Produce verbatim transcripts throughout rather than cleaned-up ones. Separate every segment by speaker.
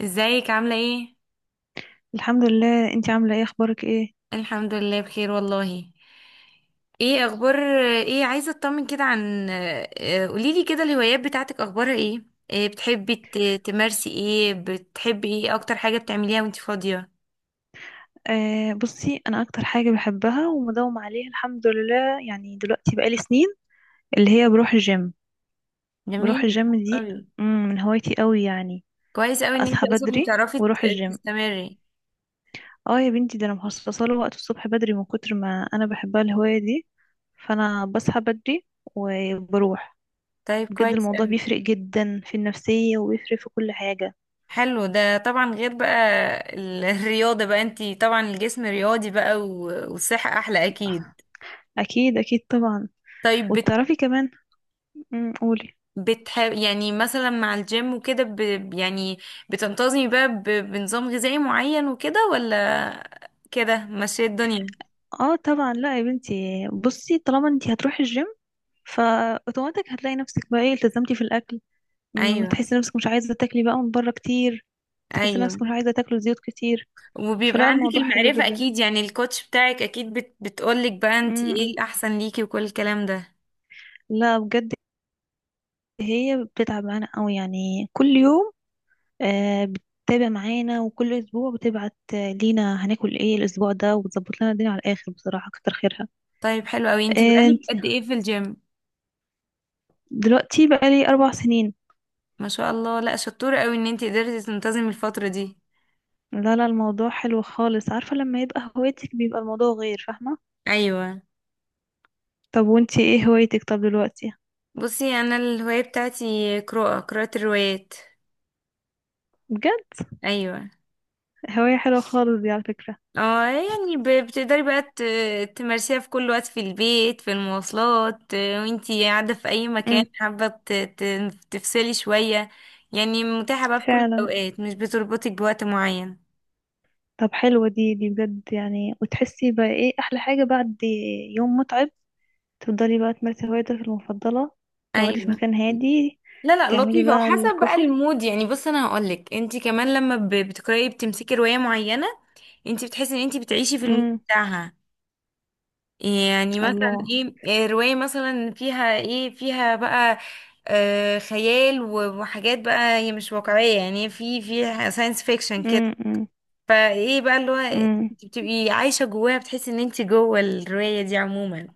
Speaker 1: ازيك عاملة ايه؟
Speaker 2: الحمد لله، انتي عاملة ايه؟ اخبارك ايه؟
Speaker 1: الحمد لله بخير والله. ايه اخبار؟ ايه، عايزة اطمن كده عن اه، قوليلي كده الهوايات بتاعتك اخبارها ايه؟ ايه بتحبي ت- تمارسي ايه؟ بتحبي ايه اكتر حاجة بتعمليها وانتي فاضية؟
Speaker 2: آه بصي، انا اكتر حاجة بحبها ومداوم عليها الحمد لله، يعني دلوقتي بقالي سنين اللي هي بروح الجيم. بروح
Speaker 1: جميل
Speaker 2: الجيم دي.
Speaker 1: قوي.
Speaker 2: مم، من هوايتي قوي يعني.
Speaker 1: كويس قوي ان انتي
Speaker 2: اصحى
Speaker 1: اصلا
Speaker 2: بدري
Speaker 1: بتعرفي ت-
Speaker 2: واروح الجيم.
Speaker 1: تستمري.
Speaker 2: اه يا بنتي، ده انا مخصصة له وقت الصبح بدري من كتر ما انا بحبها الهواية دي، فانا بصحى بدري وبروح.
Speaker 1: طيب،
Speaker 2: بجد
Speaker 1: كويس
Speaker 2: الموضوع
Speaker 1: قوي.
Speaker 2: بيفرق جدا في النفسية وبيفرق في كل حاجة.
Speaker 1: حلو ده طبعا، غير بقى ال- الرياضة بقى، انتي طبعا الجسم رياضي بقى و- والصحة احلى اكيد.
Speaker 2: اكيد اكيد طبعا.
Speaker 1: طيب.
Speaker 2: وتعرفي كمان. مم، قولي.
Speaker 1: بتحب يعني مثلا مع الجيم وكده ب... يعني بتنتظمي بقى ب... بنظام غذائي معين وكده، ولا كده ماشية الدنيا؟
Speaker 2: اه طبعا، لا يا بنتي، بصي، طالما انت هتروحي الجيم فاوتوماتيك هتلاقي نفسك بقى ايه التزمتي في الاكل. م،
Speaker 1: ايوه،
Speaker 2: تحسي نفسك مش عايزه تاكلي بقى من بره كتير، تحسي
Speaker 1: ايوه.
Speaker 2: نفسك مش عايزه تاكلي زيوت كتير،
Speaker 1: وبيبقى
Speaker 2: فلا
Speaker 1: عندك
Speaker 2: الموضوع حلو
Speaker 1: المعرفة
Speaker 2: جدا.
Speaker 1: اكيد، يعني الكوتش بتاعك اكيد بت... بتقولك بقى انت ايه
Speaker 2: م-م.
Speaker 1: الاحسن ليكي وكل الكلام ده.
Speaker 2: لا بجد، هي بتتعب معانا قوي يعني كل يوم، آه بتتابع معانا، وكل اسبوع بتبعت آه، لينا هناكل ايه الاسبوع ده، وبتظبط لنا الدنيا على الاخر بصراحه، كتر خيرها.
Speaker 1: طيب، حلو قوي. انت بقالك
Speaker 2: آه،
Speaker 1: قد ايه في الجيم؟
Speaker 2: دلوقتي بقى لي اربع سنين.
Speaker 1: ما شاء الله، لا شطورة قوي ان انت قدرتي تنتظمي الفترة دي.
Speaker 2: لا، لا، الموضوع حلو خالص، عارفة لما يبقى هوايتك بيبقى الموضوع غير، فاهمة؟
Speaker 1: ايوه،
Speaker 2: طب وانتي ايه هوايتك؟ طب دلوقتي؟
Speaker 1: بصي انا الهواية بتاعتي قراءة قراءة الروايات.
Speaker 2: بجد؟
Speaker 1: ايوه.
Speaker 2: هواية حلوة خالص دي على فكرة.
Speaker 1: اه يعني ب- بتقدري بقى ت- تمارسيها في كل وقت، في البيت، في المواصلات، آه، وانتي قاعدة في أي مكان
Speaker 2: امم.
Speaker 1: حابة ت- ت- تفصلي شوية. يعني متاحة بقى في كل
Speaker 2: فعلا.
Speaker 1: الأوقات، مش بتربطك بوقت معين.
Speaker 2: طب حلوة دي دي بجد يعني، وتحسي بقى ايه احلى حاجة بعد يوم متعب؟ تفضلي بقى تمارسي هوايتك المفضلة، تقعدي في
Speaker 1: أيوة.
Speaker 2: مكان هادي،
Speaker 1: لا لا،
Speaker 2: تعملي
Speaker 1: لطيفة
Speaker 2: بقى
Speaker 1: وحسب بقى
Speaker 2: الكوفي.
Speaker 1: المود. يعني بص، أنا هقولك، انتي كمان لما ب- بتقرأي بتمسكي رواية معينة، انتي بتحسي ان انتي بتعيشي في المود
Speaker 2: امم،
Speaker 1: بتاعها. يعني مثلا
Speaker 2: الله.
Speaker 1: ايه، إيه رواية مثلا فيها ايه، فيها بقى آه خيال و- وحاجات بقى هي مش واقعية، يعني في في ساينس فيكشن كده.
Speaker 2: امم، امم.
Speaker 1: فايه بقى اللي هو
Speaker 2: امم،
Speaker 1: انت بتبقي عايشة جواها، بتحسي ان انت جوه الرواية دي عموما،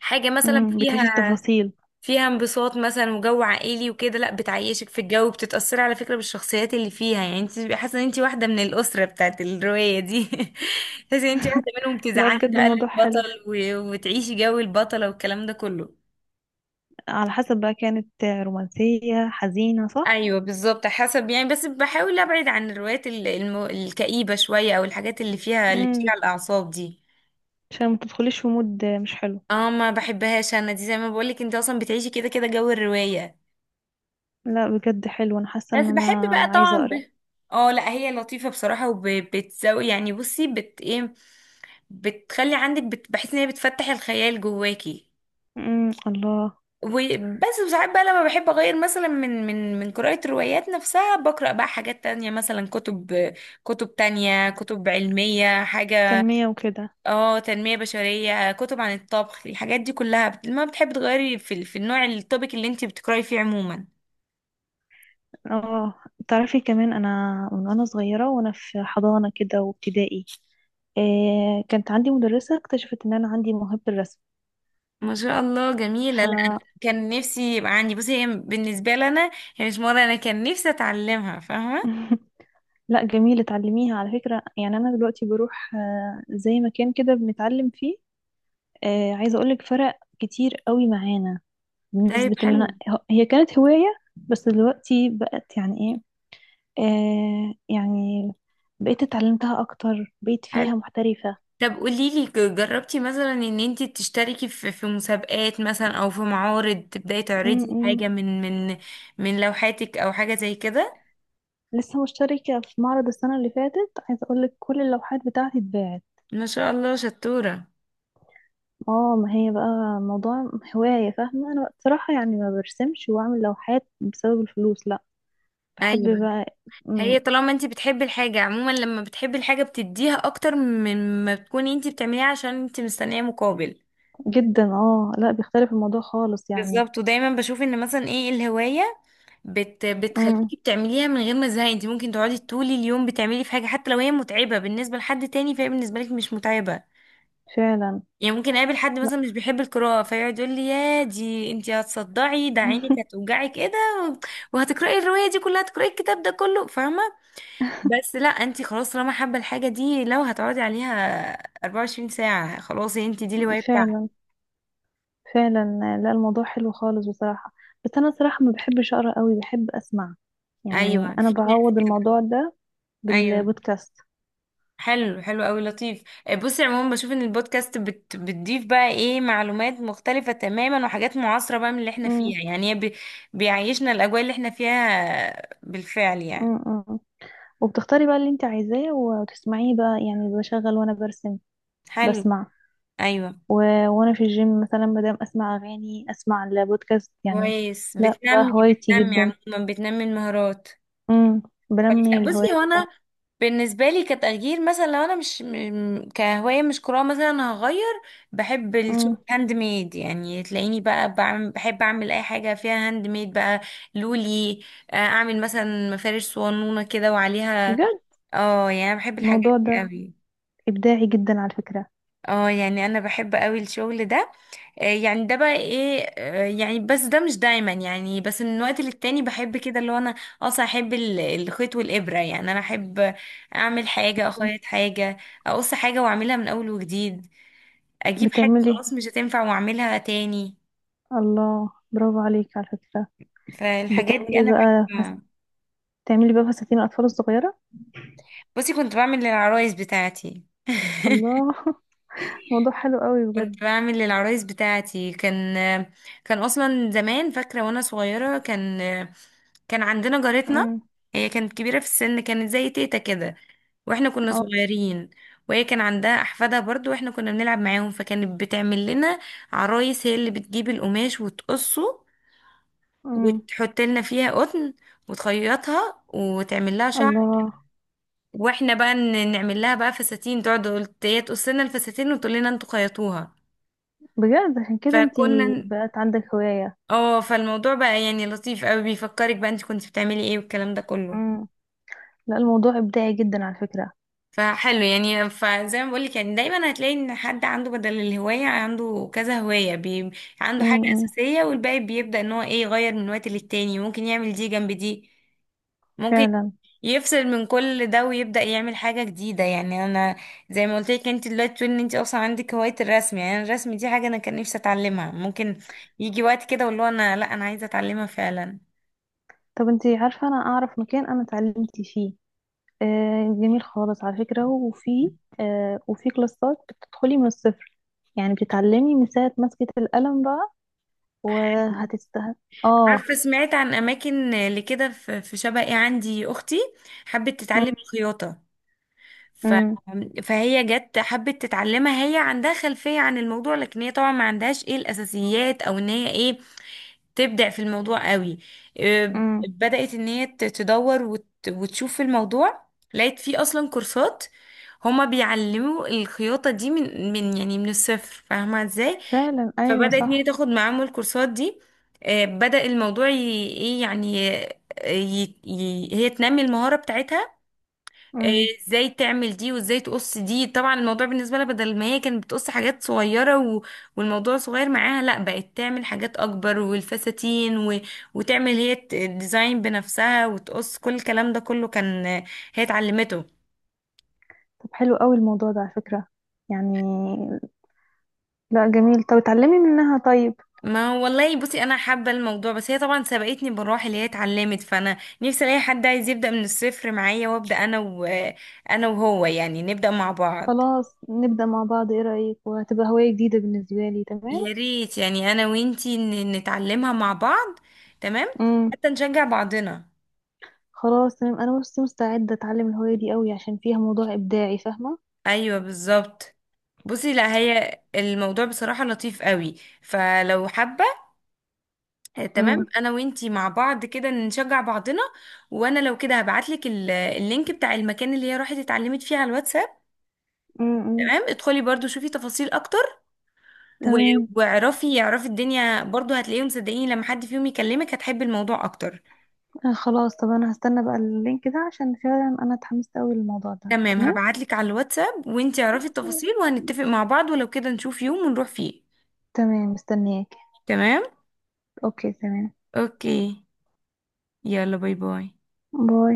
Speaker 1: حاجة مثلا
Speaker 2: أمم. بتعيشي
Speaker 1: فيها،
Speaker 2: التفاصيل.
Speaker 1: فيها انبساط مثلا وجو عائلي وكده. لا، بتعيشك في الجو، بتتأثري على فكرة بالشخصيات اللي فيها، يعني انت بتبقي حاسة ان انت واحدة من الأسرة بتاعت الرواية دي. تحسي ان انت واحدة منهم،
Speaker 2: لا
Speaker 1: تزعلي
Speaker 2: بجد،
Speaker 1: بقى
Speaker 2: الموضوع حلو.
Speaker 1: للبطل و- وتعيشي جو البطلة والكلام ده كله.
Speaker 2: على حسب بقى، كانت رومانسية حزينة، صح؟
Speaker 1: ايوه بالظبط، حسب يعني. بس بحاول ابعد عن الروايات ال- الم... الكئيبة شوية، او الحاجات اللي فيها اللي بتيجي
Speaker 2: امم.
Speaker 1: على الأعصاب دي.
Speaker 2: عشان ما تدخليش في مود مش حلو.
Speaker 1: اه، ما بحبهاش انا دي. زي ما بقولك، انت اصلا بتعيشي كده كده جو الرواية.
Speaker 2: لا بجد حلو، انا حاسه
Speaker 1: بس
Speaker 2: ان انا
Speaker 1: بحب بقى طبعا
Speaker 2: عايزه اقرا.
Speaker 1: ب... اه لا، هي لطيفة بصراحة، وبتزوي يعني. بصي، بت ايه، بتخلي عندك بت... بحس ان هي بتفتح الخيال جواكي.
Speaker 2: امم، الله.
Speaker 1: وبس، وساعات بقى لما بحب اغير مثلا من من من قراءة الروايات نفسها، بقرأ بقى حاجات تانية، مثلا كتب، كتب تانية، كتب علمية، حاجة.
Speaker 2: تنميه وكده.
Speaker 1: اه، تنمية بشرية، كتب عن الطبخ، الحاجات دي كلها. بت- ما بتحب تغيري في ال- في النوع، التوبيك اللي انت بتقرأي فيه عموما.
Speaker 2: اه، تعرفي كمان انا، من وانا صغيره وانا في حضانه كده وابتدائي، إيه كانت عندي مدرسه اكتشفت ان انا عندي موهبه الرسم.
Speaker 1: ما شاء الله
Speaker 2: ف
Speaker 1: جميلة. لا أنا كان نفسي يبقى عندي، بصي هي بالنسبة لنا، هي مش مرة. أنا كان نفسي أتعلمها فاهمة.
Speaker 2: لا جميل، اتعلميها على فكره، يعني انا دلوقتي بروح آه، زي مكان كده بنتعلم فيه. آه، عايزه اقولك فرق كتير قوي معانا بنسبة
Speaker 1: طيب،
Speaker 2: ان انا
Speaker 1: حلو
Speaker 2: هي كانت هواية، بس دلوقتي بقت يعني ايه، آه يعني بقيت اتعلمتها اكتر، بقيت
Speaker 1: حلو.
Speaker 2: فيها محترفة.
Speaker 1: طب قوليلي ك- جربتي مثلا ان انتي تشتركي في في مسابقات مثلا، او في معارض تبداي
Speaker 2: م
Speaker 1: تعرضي
Speaker 2: -م.
Speaker 1: حاجة من من من لوحاتك او حاجة زي كده؟
Speaker 2: لسه مشتركة في معرض السنة اللي فاتت، عايزة اقولك كل اللوحات بتاعتي اتباعت.
Speaker 1: ما شاء الله شطورة.
Speaker 2: اه، ما هي بقى موضوع هواية، فاهمة؟ انا بصراحة يعني ما برسمش واعمل لوحات بسبب الفلوس، لا، بحب
Speaker 1: ايوه،
Speaker 2: بقى. م.
Speaker 1: هي طالما انتي بتحبي الحاجة عموما، لما بتحبي الحاجة بتديها اكتر من ما بتكوني انتي بتعمليها عشان انتي مستنية مقابل.
Speaker 2: جدا، اه لا، بيختلف الموضوع خالص يعني.
Speaker 1: بالظبط. ودايما بشوف ان مثلا ايه الهواية بت
Speaker 2: م.
Speaker 1: بتخليكي بتعمليها من غير ما تزهقي. انت ممكن تقعدي طول اليوم بتعملي في حاجه، حتى لو هي متعبه بالنسبه لحد تاني فهي بالنسبه لك مش متعبه.
Speaker 2: فعلا.
Speaker 1: يعني ممكن اقابل حد
Speaker 2: لا.
Speaker 1: مثلا مش بيحب القراءه، فيقعد يقول لي، يا دي انت هتصدعي، ده عينك هتوجعك، ايه ده، وهتقراي الروايه دي كلها، هتقراي الكتاب ده كله، فاهمه؟ بس لا، انت خلاص طالما حابه الحاجه دي، لو هتقعدي عليها أربعة وعشرين ساعه خلاص، انت دي الهوايه بتاعتك.
Speaker 2: فعلا. فعلا. لا الموضوع حلو خالص بصراحة. بس أنا صراحة ما بحبش أقرأ قوي، بحب أسمع، يعني
Speaker 1: ايوه،
Speaker 2: أنا
Speaker 1: في
Speaker 2: بعوض
Speaker 1: ناس-
Speaker 2: الموضوع ده
Speaker 1: ايوه.
Speaker 2: بالبودكاست.
Speaker 1: حلو، حلو قوي، لطيف. آه، بصي عموما بشوف ان البودكاست بت بتضيف بقى ايه معلومات مختلفة تماما، وحاجات معاصرة بقى من اللي احنا
Speaker 2: امم،
Speaker 1: فيها. يعني هي بي بيعيشنا الاجواء اللي احنا فيها بالفعل يعني.
Speaker 2: امم، أمم. وبتختاري بقى اللي انت عايزاه وتسمعيه بقى، يعني بشغل وأنا برسم
Speaker 1: حلو.
Speaker 2: بسمع.
Speaker 1: ايوه،
Speaker 2: و... وأنا في الجيم مثلا مادام أسمع أغاني أسمع البودكاست يعني.
Speaker 1: كويس،
Speaker 2: لا، ده
Speaker 1: بتنمي
Speaker 2: هوايتي
Speaker 1: بتنمي
Speaker 2: جدا.
Speaker 1: عموما، بتنمي المهارات.
Speaker 2: امم.
Speaker 1: كويس.
Speaker 2: بنمي
Speaker 1: لا بصي،
Speaker 2: الهوايات
Speaker 1: هو انا
Speaker 2: بتاعتي.
Speaker 1: بالنسبة لي كتغيير مثلا، لو انا مش م- كهواية مش قراءة مثلا، انا هغير. بحب
Speaker 2: امم.
Speaker 1: الشغل هاند ميد، يعني تلاقيني بقى بعمل، بحب اعمل اي حاجة فيها هاند ميد بقى. لولي. آه، اعمل مثلا مفارش صوانونة كده وعليها.
Speaker 2: بجد
Speaker 1: اه يعني انا بحب الحاجات
Speaker 2: الموضوع
Speaker 1: دي
Speaker 2: ده
Speaker 1: قوي.
Speaker 2: إبداعي جدا على فكرة.
Speaker 1: اه يعني انا بحب قوي الشغل ده. آه، يعني ده بقى ايه، آه، يعني بس ده مش دايما، يعني بس من وقت للتاني بحب كده. اللي هو انا اصلا احب ال- الخيط والابره، يعني انا احب اعمل حاجه،
Speaker 2: مم.
Speaker 1: اخيط حاجه، اقص حاجه واعملها من اول وجديد، اجيب حاجه
Speaker 2: بتعملي.
Speaker 1: خلاص مش هتنفع واعملها تاني.
Speaker 2: الله، برافو عليك على فكرة.
Speaker 1: فالحاجات دي
Speaker 2: بتعملي
Speaker 1: انا
Speaker 2: بقى فس...
Speaker 1: بحبها.
Speaker 2: بتعملي بقى فساتين الأطفال الصغيرة.
Speaker 1: بصي كنت بعمل للعرايس بتاعتي.
Speaker 2: الله. موضوع حلو قوي بجد.
Speaker 1: كنت بعمل للعرايس بتاعتي. كان كان اصلا زمان، فاكره وانا صغيره كان كان عندنا جارتنا.
Speaker 2: امم.
Speaker 1: هي كانت كبيره في السن، كانت زي تيتا كده، واحنا كنا
Speaker 2: اه.
Speaker 1: صغيرين، وهي كان عندها احفادها برضو، واحنا كنا بنلعب معاهم، فكانت بتعمل لنا عرايس. هي اللي بتجيب القماش وتقصه،
Speaker 2: امم.
Speaker 1: وتحط لنا فيها قطن، وتخيطها، وتعمل لها شعر.
Speaker 2: الله.
Speaker 1: واحنا بقى ن- نعمل لها بقى فساتين. تقعد تقول، هي تقص لنا الفساتين وتقول لنا انتوا خيطوها.
Speaker 2: بجد، عشان كده انتي
Speaker 1: فكنا
Speaker 2: بقت عندك هواية.
Speaker 1: اه، فالموضوع بقى يعني لطيف قوي، بيفكرك بقى انت كنت بتعملي ايه والكلام ده كله.
Speaker 2: امم. لا الموضوع إبداعي جدا على فكرة.
Speaker 1: فحلو يعني. فزي ما بقولك، يعني دايما هتلاقي ان حد عنده بدل الهواية عنده كذا هواية بي... عنده حاجة
Speaker 2: امم.
Speaker 1: أساسية، والباقي بيبدأ ان هو ايه، يغير من وقت للتاني. ممكن يعمل دي جنب دي، ممكن
Speaker 2: فعلا.
Speaker 1: يفصل من كل ده ويبدأ يعمل حاجة جديدة. يعني انا زي ما قلت لك، انت دلوقتي تقولي ان انت اصلا عندك هواية الرسم، يعني أنا الرسم دي حاجة انا كان نفسي اتعلمها. ممكن يجي وقت كده واللي هو انا لا انا عايزة اتعلمها فعلا.
Speaker 2: طب انتي عارفة، أنا أعرف مكان أنا اتعلمت فيه، آه جميل خالص على فكرة. وفي آه وفي كلاسات بتدخلي من الصفر، يعني بتتعلمي من ساعة مسكة القلم بقى، وهتست اه.
Speaker 1: عارفة سمعت عن أماكن لكده. في في شبقي، عندي أختي حبت تتعلم الخياطة. ف...
Speaker 2: امم.
Speaker 1: فهي جت حبت تتعلمها. هي عندها خلفية عن الموضوع، لكن هي طبعا ما عندهاش ايه الأساسيات، أو إن هي ايه تبدع في الموضوع قوي. إيه،
Speaker 2: امم.
Speaker 1: بدأت إن هي ت- تدور وت... وتشوف في الموضوع. لقيت فيه أصلا كورسات. هما بيعلموا الخياطة دي من من يعني من الصفر، فاهمة ازاي؟
Speaker 2: فعلا، ايوه،
Speaker 1: فبدأت ميري
Speaker 2: صح.
Speaker 1: تاخد معاهم الكورسات دي. آه، بدأ الموضوع ي- ايه يعني، آه، ي- ي- هي تنمي المهارة بتاعتها. آه،
Speaker 2: امم.
Speaker 1: ازاي تعمل دي، وازاي تقص دي. طبعا الموضوع بالنسبة لها، بدل ما هي كانت بتقص حاجات صغيرة و- والموضوع صغير معاها، لا بقت تعمل حاجات اكبر، والفساتين و- وتعمل هي الديزاين بنفسها، وتقص كل الكلام ده كله. كان آه، هي اتعلمته.
Speaker 2: طب حلو قوي الموضوع ده على فكرة يعني. لا جميل، طب اتعلمي منها طيب.
Speaker 1: ما والله، بصي انا حابه الموضوع، بس هي طبعا سبقتني بالروح اللي هي اتعلمت، فانا نفسي الاقي حد عايز يبدا من الصفر معايا، وابدا انا و... انا وهو، يعني نبدا مع بعض.
Speaker 2: خلاص نبدأ مع بعض، ايه رأيك؟ وهتبقى هواية جديدة بالنسبة لي، تمام.
Speaker 1: يا ريت يعني انا وانتي ن- نتعلمها مع بعض. تمام،
Speaker 2: امم.
Speaker 1: حتى نشجع بعضنا.
Speaker 2: خلاص تمام، انا بس مستعدة اتعلم الهواية دي قوي عشان فيها موضوع ابداعي، فاهمة؟
Speaker 1: ايوه بالظبط. بصي لا، هي الموضوع بصراحه لطيف قوي. فلو حابه آه، تمام،
Speaker 2: امم.
Speaker 1: انا وانتي مع بعض كده نشجع بعضنا. وانا لو كده هبعتلك ال- اللينك بتاع المكان اللي هي راحت اتعلمت فيه على الواتساب.
Speaker 2: امم.
Speaker 1: تمام، ادخلي برضو شوفي تفاصيل اكتر و...
Speaker 2: تمام.
Speaker 1: واعرفي اعرفي الدنيا برضو، هتلاقيهم. صدقيني، لما حد فيهم يكلمك هتحبي الموضوع اكتر.
Speaker 2: آه خلاص، طب انا هستنى بقى اللينك ده عشان فعلا انا اتحمست قوي للموضوع ده،
Speaker 1: تمام،
Speaker 2: تمام.
Speaker 1: هبعتلك على الواتساب، وانتي اعرفي التفاصيل، وهنتفق مع بعض، ولو كده نشوف يوم ونروح فيه.
Speaker 2: تمام، مستنياك.
Speaker 1: تمام.
Speaker 2: اوكي تمام.
Speaker 1: اوكي. يلا، باي باي.
Speaker 2: باي.